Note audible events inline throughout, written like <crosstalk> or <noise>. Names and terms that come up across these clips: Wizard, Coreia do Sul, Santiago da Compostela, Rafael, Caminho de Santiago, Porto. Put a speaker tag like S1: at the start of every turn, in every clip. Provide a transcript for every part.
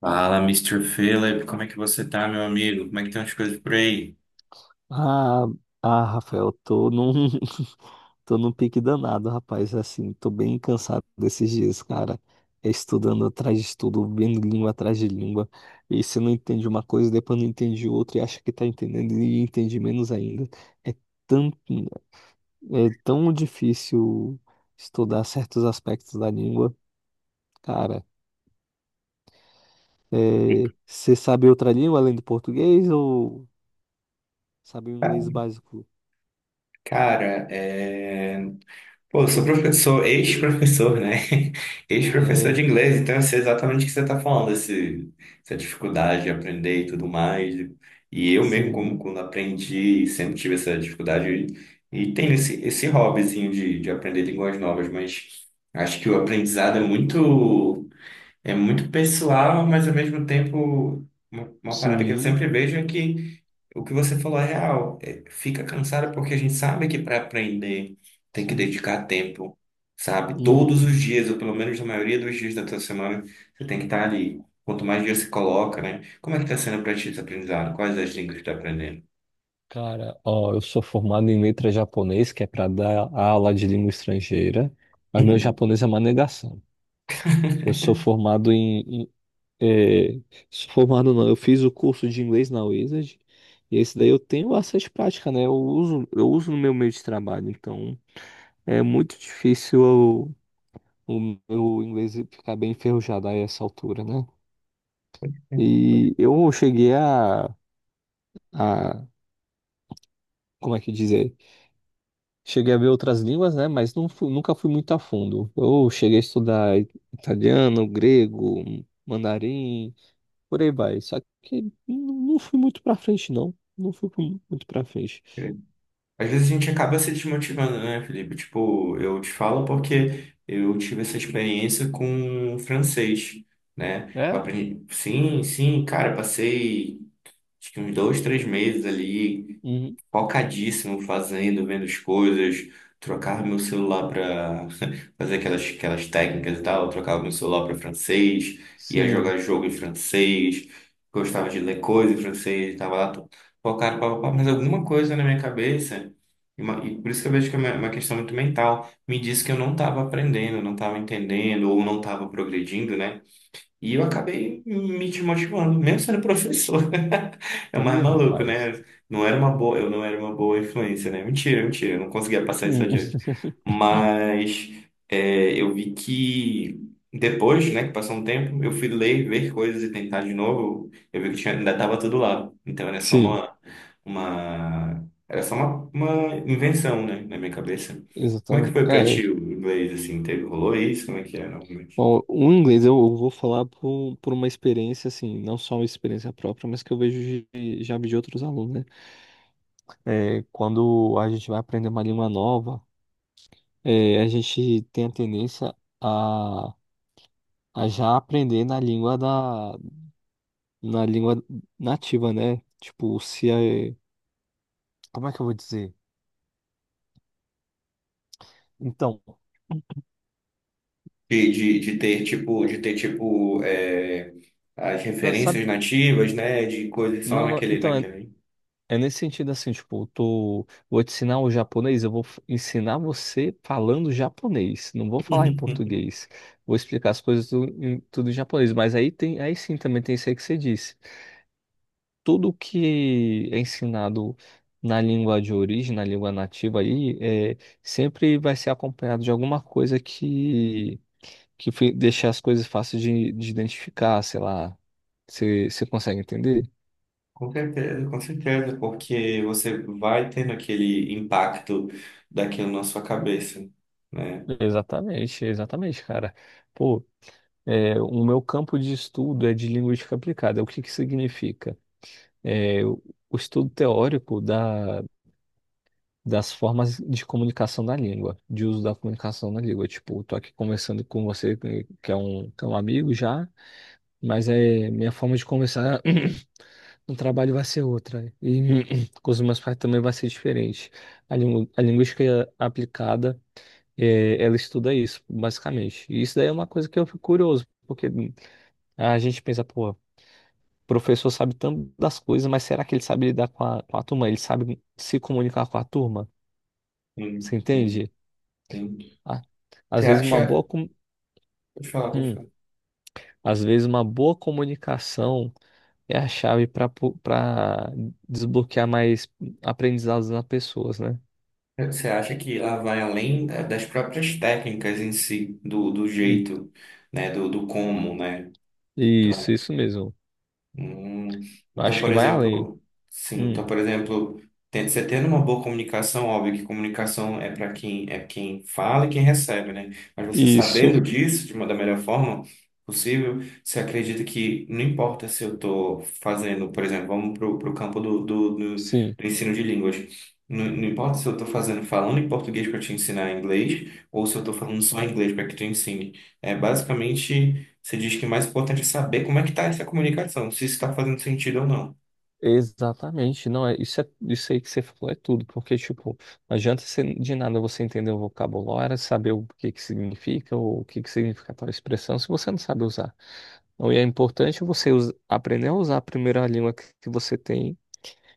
S1: Fala, Mister Philip, como é que você tá, meu amigo? Como é que estão as coisas por aí?
S2: Ah, ah, Rafael, tô num, <laughs> tô num pique danado, rapaz. Assim, tô bem cansado desses dias, cara. É. Estudando atrás de estudo, vendo língua atrás de língua. E você não entende uma coisa, depois não entende outra, e acha que tá entendendo e entende menos ainda. É tão, é tão difícil estudar certos aspectos da língua, cara. É, você sabe outra língua além do português ou sabe o inglês básico?
S1: Cara, pô, eu sou professor, ex-professor, né? <laughs>
S2: Ah,
S1: Ex-professor de
S2: é.
S1: inglês, então eu sei exatamente o que você está falando, essa dificuldade de aprender e tudo mais. E eu mesmo, como
S2: Sim,
S1: quando aprendi, sempre tive essa dificuldade e tenho esse hobbyzinho de aprender línguas novas, mas acho que o aprendizado é muito. É muito pessoal, mas ao mesmo tempo, uma parada que eu
S2: sim.
S1: sempre vejo é que o que você falou é real. É, fica cansado porque a gente sabe que para aprender tem que
S2: Sim.
S1: dedicar tempo, sabe?
S2: Uhum.
S1: Todos os dias, ou pelo menos na maioria dos dias da tua semana, você tem que estar ali. Quanto mais dias você coloca, né? Como é que está sendo para ti esse aprendizado? Quais as línguas que está aprendendo?
S2: Cara, ó, eu sou formado em letras japonês, que é para dar aula de língua estrangeira, mas meu
S1: Uhum.
S2: japonês é uma negação. Eu sou formado em, em, sou formado não, eu fiz o curso de inglês na Wizard, e esse daí eu tenho bastante prática, né? Eu uso no meu meio de trabalho, então é muito difícil o meu inglês ficar bem enferrujado a essa altura, né? E
S1: <laughs>
S2: eu cheguei a como é que dizer? Cheguei a ver outras línguas, né? Mas nunca fui muito a fundo. Eu cheguei a estudar italiano, grego, mandarim, por aí vai. Só que não fui muito pra frente, não. Muito pra frente.
S1: Às vezes a gente acaba se desmotivando, né, Felipe? Tipo, eu te falo porque eu tive essa experiência com francês, né? Eu
S2: É?
S1: aprendi, sim, sim, cara, passei acho que uns 2, 3 meses ali
S2: Uhum.
S1: focadíssimo fazendo, vendo as coisas, trocava meu celular para <laughs> fazer aquelas técnicas e tal, eu trocava meu celular para francês, ia
S2: Sim.
S1: jogar jogo em francês, gostava de ler coisa em francês, tava lá focado, pá, pá, pá, mas alguma coisa na minha cabeça, e por isso que eu vejo que é uma questão muito mental, me disse que eu não estava aprendendo, não estava entendendo, ou não estava progredindo, né? E eu acabei me desmotivando, mesmo sendo professor. <laughs> É o mais
S2: Ih,
S1: maluco,
S2: rapaz.
S1: né? Não era uma boa, eu não era uma boa influência, né? Mentira, mentira, eu não conseguia passar isso
S2: Hum.
S1: adiante.
S2: <laughs>
S1: Mas é, eu vi que depois, né, que passou um tempo, eu fui ler, ver coisas e tentar de novo. Eu vi que tinha, ainda estava tudo lá. Então era só
S2: Sim,
S1: uma, uma, era só uma invenção, né, na minha cabeça. Como é que
S2: exatamente.
S1: foi pra
S2: É.
S1: ti
S2: É.
S1: o inglês, assim? Teve, rolou isso? Como é que era?
S2: Bom, o inglês eu vou falar por, um, por uma experiência, assim, não só uma experiência própria, mas que eu vejo de, já vi de outros alunos, né? É, quando a gente vai aprender uma língua nova. É, a gente tem a tendência a, a já aprender na na língua nativa, né? Tipo, se é, como é que eu vou dizer? Então, é,
S1: De ter tipo é, as
S2: não, sabe?
S1: referências nativas, né, de coisas só
S2: Não, não,
S1: naquele
S2: então é,
S1: naquele.
S2: é nesse sentido assim, tipo, eu tô, vou te ensinar o japonês, eu ensinar você falando japonês, não vou falar em
S1: <laughs>
S2: português. Vou explicar as coisas tudo em japonês, mas aí tem, aí sim também tem isso aí que você disse. Tudo que é ensinado na na língua nativa aí, é, sempre vai ser acompanhado de alguma coisa que, deixe as coisas fáceis de identificar, sei lá. Você consegue entender?
S1: Com certeza, porque você vai tendo aquele impacto daquilo na sua cabeça, né?
S2: Exatamente, exatamente, cara. Pô, é, o meu campo de estudo é de linguística aplicada. O que que significa? É, o estudo teórico da das formas de comunicação da língua, de uso da comunicação da língua. Tipo, eu tô aqui conversando com você, que é um amigo já, mas é minha forma de conversar <clears throat> no trabalho vai ser outra. E <clears throat> com os meus pais também vai ser diferente. A linguística aplicada, é, ela estuda isso, basicamente. E isso daí é uma coisa que eu fico curioso, porque a gente pensa, pô. O professor sabe tanto das coisas, mas será que ele sabe lidar com com a turma? Ele sabe se comunicar com a turma? Você
S1: Sim, sim,
S2: entende?
S1: sim.
S2: a-
S1: Você
S2: Às vezes
S1: acha, deixa eu falar, deixa
S2: hum,
S1: eu
S2: às vezes uma boa comunicação é a chave para desbloquear mais aprendizados nas pessoas, né?
S1: falar. Você acha que ela vai além da- das próprias técnicas em si, do
S2: E,
S1: jeito, né, do como, né?
S2: isso,
S1: Então,
S2: isso mesmo.
S1: Hum, Então,
S2: Acho que
S1: por
S2: vai além.
S1: exemplo, sim,
S2: Hum,
S1: então, por exemplo, você tendo uma boa comunicação, óbvio que comunicação é para quem é quem fala e quem recebe, né? Mas você
S2: isso,
S1: sabendo disso de uma da melhor forma possível, você acredita que não importa se eu estou fazendo, por exemplo, vamos para o campo do, do, do,
S2: sim.
S1: do ensino de línguas. Não, não importa se eu estou fazendo falando em português para te ensinar inglês ou se eu estou falando só inglês para que tu ensine. É basicamente. Você diz que o mais importante é saber como é que está essa comunicação, se isso está fazendo sentido ou não.
S2: Exatamente. Não é, isso aí que você falou é tudo, porque tipo, não adianta você, de nada você entender o vocabulário, saber o que que significa ou o que que significa tal expressão se você não sabe usar. Então, e é importante você aprender a usar a primeira língua que você tem.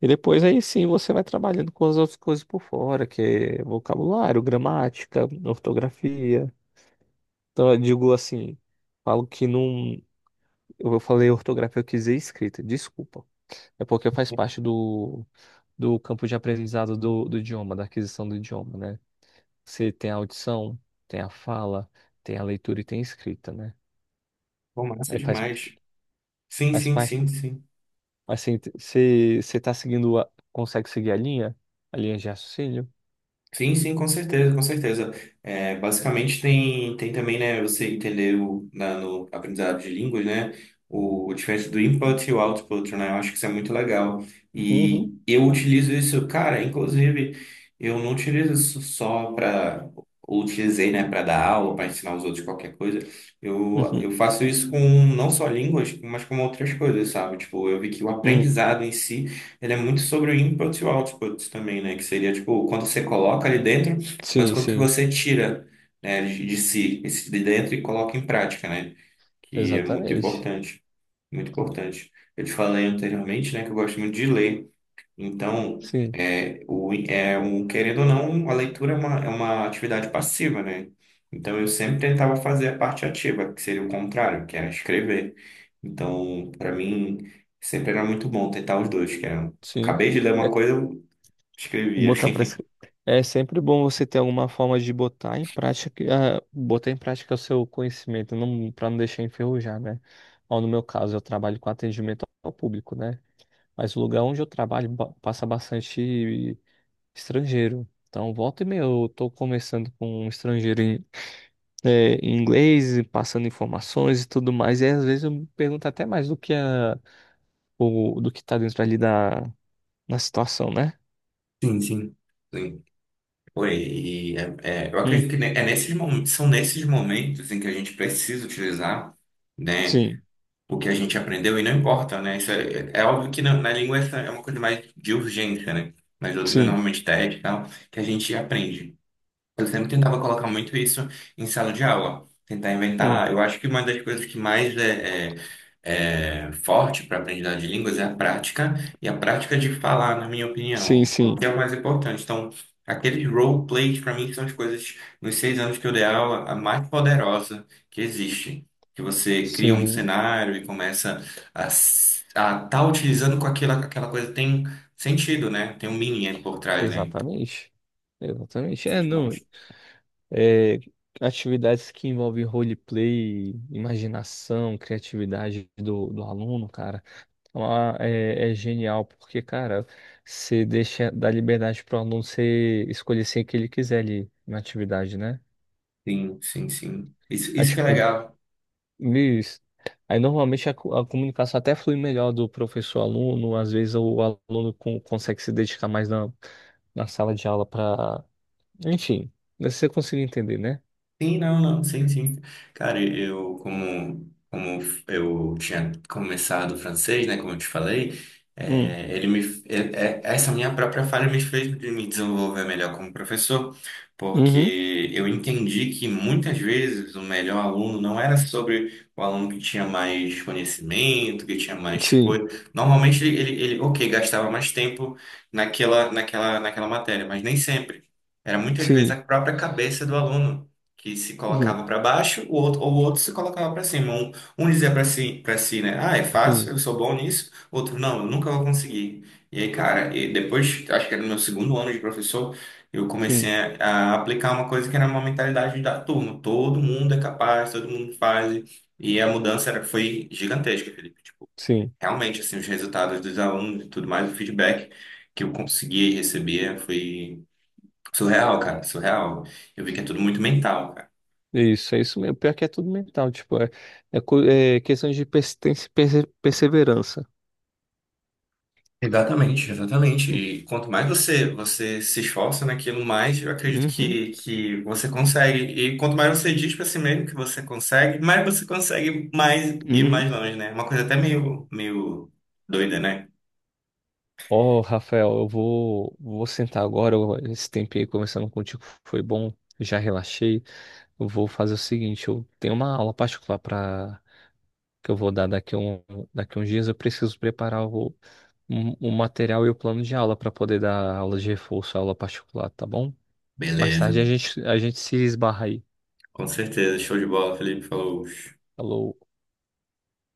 S2: E depois aí sim você vai trabalhando com as outras coisas por fora, que é vocabulário, gramática, ortografia. Então eu digo assim, falo que não. Eu falei ortografia, eu quis dizer escrita, desculpa. É porque faz parte do campo de aprendizado do idioma, da aquisição do idioma, né? Você tem a audição, tem a fala, tem a leitura e tem a escrita, né?
S1: Pô, massa
S2: Aí faz,
S1: demais. Sim,
S2: faz
S1: sim,
S2: parte.
S1: sim, sim.
S2: Assim, você tá seguindo a, consegue seguir a linha? A linha de raciocínio?
S1: Sim, sim, com certeza, com certeza. É, basicamente tem também, né, você entender o, na, no aprendizado de línguas, né, o diferente do input e o output, né, eu acho que isso é muito legal.
S2: Uhum,
S1: E eu utilizo isso, cara, inclusive, eu não utilizo isso só para, utilizei, né, para dar aula, para ensinar os outros qualquer coisa. Eu,
S2: uhum,
S1: eu faço isso com não só línguas, mas com outras coisas, sabe? Tipo, eu vi que o
S2: uhum.
S1: aprendizado em si ele é muito sobre o input e o output também, né? Que seria, tipo, o quanto você coloca ali dentro, mas o
S2: Sim,
S1: quanto que
S2: sim,
S1: você tira, né, de si, esse de dentro e coloca em prática, né? Que é muito
S2: exatamente.
S1: importante, muito importante. Eu te falei anteriormente, né, que eu gosto muito de ler. Então,
S2: Sim,
S1: é, o, é um, querendo ou não, a leitura é uma atividade passiva, né? Então, eu sempre tentava fazer a parte ativa, que seria o contrário, que era escrever. Então, para mim, sempre era muito bom tentar os dois, que era,
S2: sim.
S1: acabei de ler uma
S2: É,
S1: coisa, eu escrevia.
S2: botar para é sempre bom você ter alguma forma de botar em prática, ah, botar em prática o seu conhecimento, não para não deixar enferrujar, né? Ó, no meu caso, eu trabalho com atendimento ao público, né? Mas o lugar onde eu trabalho passa bastante estrangeiro. Então, volta e meia, eu tô conversando com um estrangeiro é, em inglês, passando informações e tudo mais. E às vezes eu me pergunto até mais do que a, o, do que tá dentro ali da, na situação, né?
S1: <laughs> Sim, sim. Sim. Oi, e é, eu
S2: Hum,
S1: acredito que é nesses momentos, são nesses momentos em que a gente precisa utilizar, né?
S2: sim,
S1: O que a gente aprendeu e não importa, né? Isso é óbvio que na língua essa é uma coisa mais de urgência, né? Nas outras,
S2: sim,
S1: normalmente, teste e tal, que a gente aprende. Eu sempre tentava colocar muito isso em sala de aula, tentar
S2: hum,
S1: inventar. Eu acho que uma das coisas que mais é forte para aprendizagem de línguas é a prática e a prática de falar, na minha
S2: sim,
S1: opinião, é o
S2: sim,
S1: que é o mais importante. Então, aqueles roleplays, para mim, são as coisas, nos 6 anos que eu dei aula, a mais poderosa que existe. Que você cria um
S2: sim,
S1: cenário e começa a estar tá utilizando com aquela, aquela coisa, tem sentido, né? Tem um meaning aí por trás, né? Então,
S2: exatamente. Exatamente.
S1: isso é
S2: É, não,
S1: demais.
S2: é, atividades que envolvem roleplay, imaginação, criatividade do aluno, cara. Lá é, é genial, porque, cara, você deixa, dá liberdade para o aluno você escolher ser que ele quiser ali na atividade, né?
S1: Sim, sim, sim. Isso,
S2: Aí,
S1: isso que é
S2: tipo,
S1: legal.
S2: Luiz, aí normalmente a comunicação até flui melhor do professor-aluno, às vezes o aluno consegue se dedicar mais na, na sala de aula para. Enfim, você consegue entender, né?
S1: Sim, não, não, sim, sim. Cara, eu, como eu tinha começado o francês, né, como eu te falei,
S2: Hum.
S1: é, ele me, é, é- essa minha própria falha me fez de me desenvolver melhor como professor,
S2: Uhum.
S1: porque eu entendi que muitas vezes o melhor aluno não era sobre o aluno que tinha mais conhecimento, que tinha mais
S2: Sim,
S1: coisa. Normalmente ele, ok, gastava mais tempo naquela matéria, mas nem sempre. Era muitas vezes
S2: sim.
S1: a própria cabeça do aluno que se
S2: Uhum.
S1: colocava para baixo, o outro, ou o outro se colocava para cima. Um dizia para si, né? Ah, é fácil,
S2: Sim,
S1: eu sou bom nisso. Outro, não, eu nunca vou conseguir. E aí, cara, e depois, acho que era no meu segundo ano de professor, eu comecei
S2: sim,
S1: a aplicar uma coisa que era uma mentalidade da turma. Todo mundo é capaz, todo mundo faz. E a mudança era, foi gigantesca, Felipe. Tipo,
S2: sim.
S1: realmente, assim, os resultados dos alunos e tudo mais, o feedback que eu consegui receber foi surreal, cara, surreal. Eu vi que é tudo muito mental, cara.
S2: Isso, é isso mesmo. Pior que é tudo mental, tipo, é, é, é questão de persistência e perseverança.
S1: Exatamente, exatamente. E quanto mais você se esforça naquilo, mais eu acredito
S2: Uhum,
S1: que você consegue. E quanto mais você diz para si mesmo que você consegue mais ir
S2: uhum.
S1: mais longe, né? Uma coisa até meio, meio doida, né?
S2: Ó, Rafael, eu vou, vou sentar agora. Esse tempo aí conversando contigo foi bom, já relaxei. Eu vou fazer o seguinte, eu tenho uma aula particular para que eu vou dar daqui a um, daqui a uns dias. Eu preciso preparar o, o material e o plano de aula para poder dar aula de reforço, aula particular, tá bom? Mais
S1: Beleza.
S2: tarde a gente se esbarra aí.
S1: Com certeza. Show de bola, Felipe. Falou.
S2: Falou.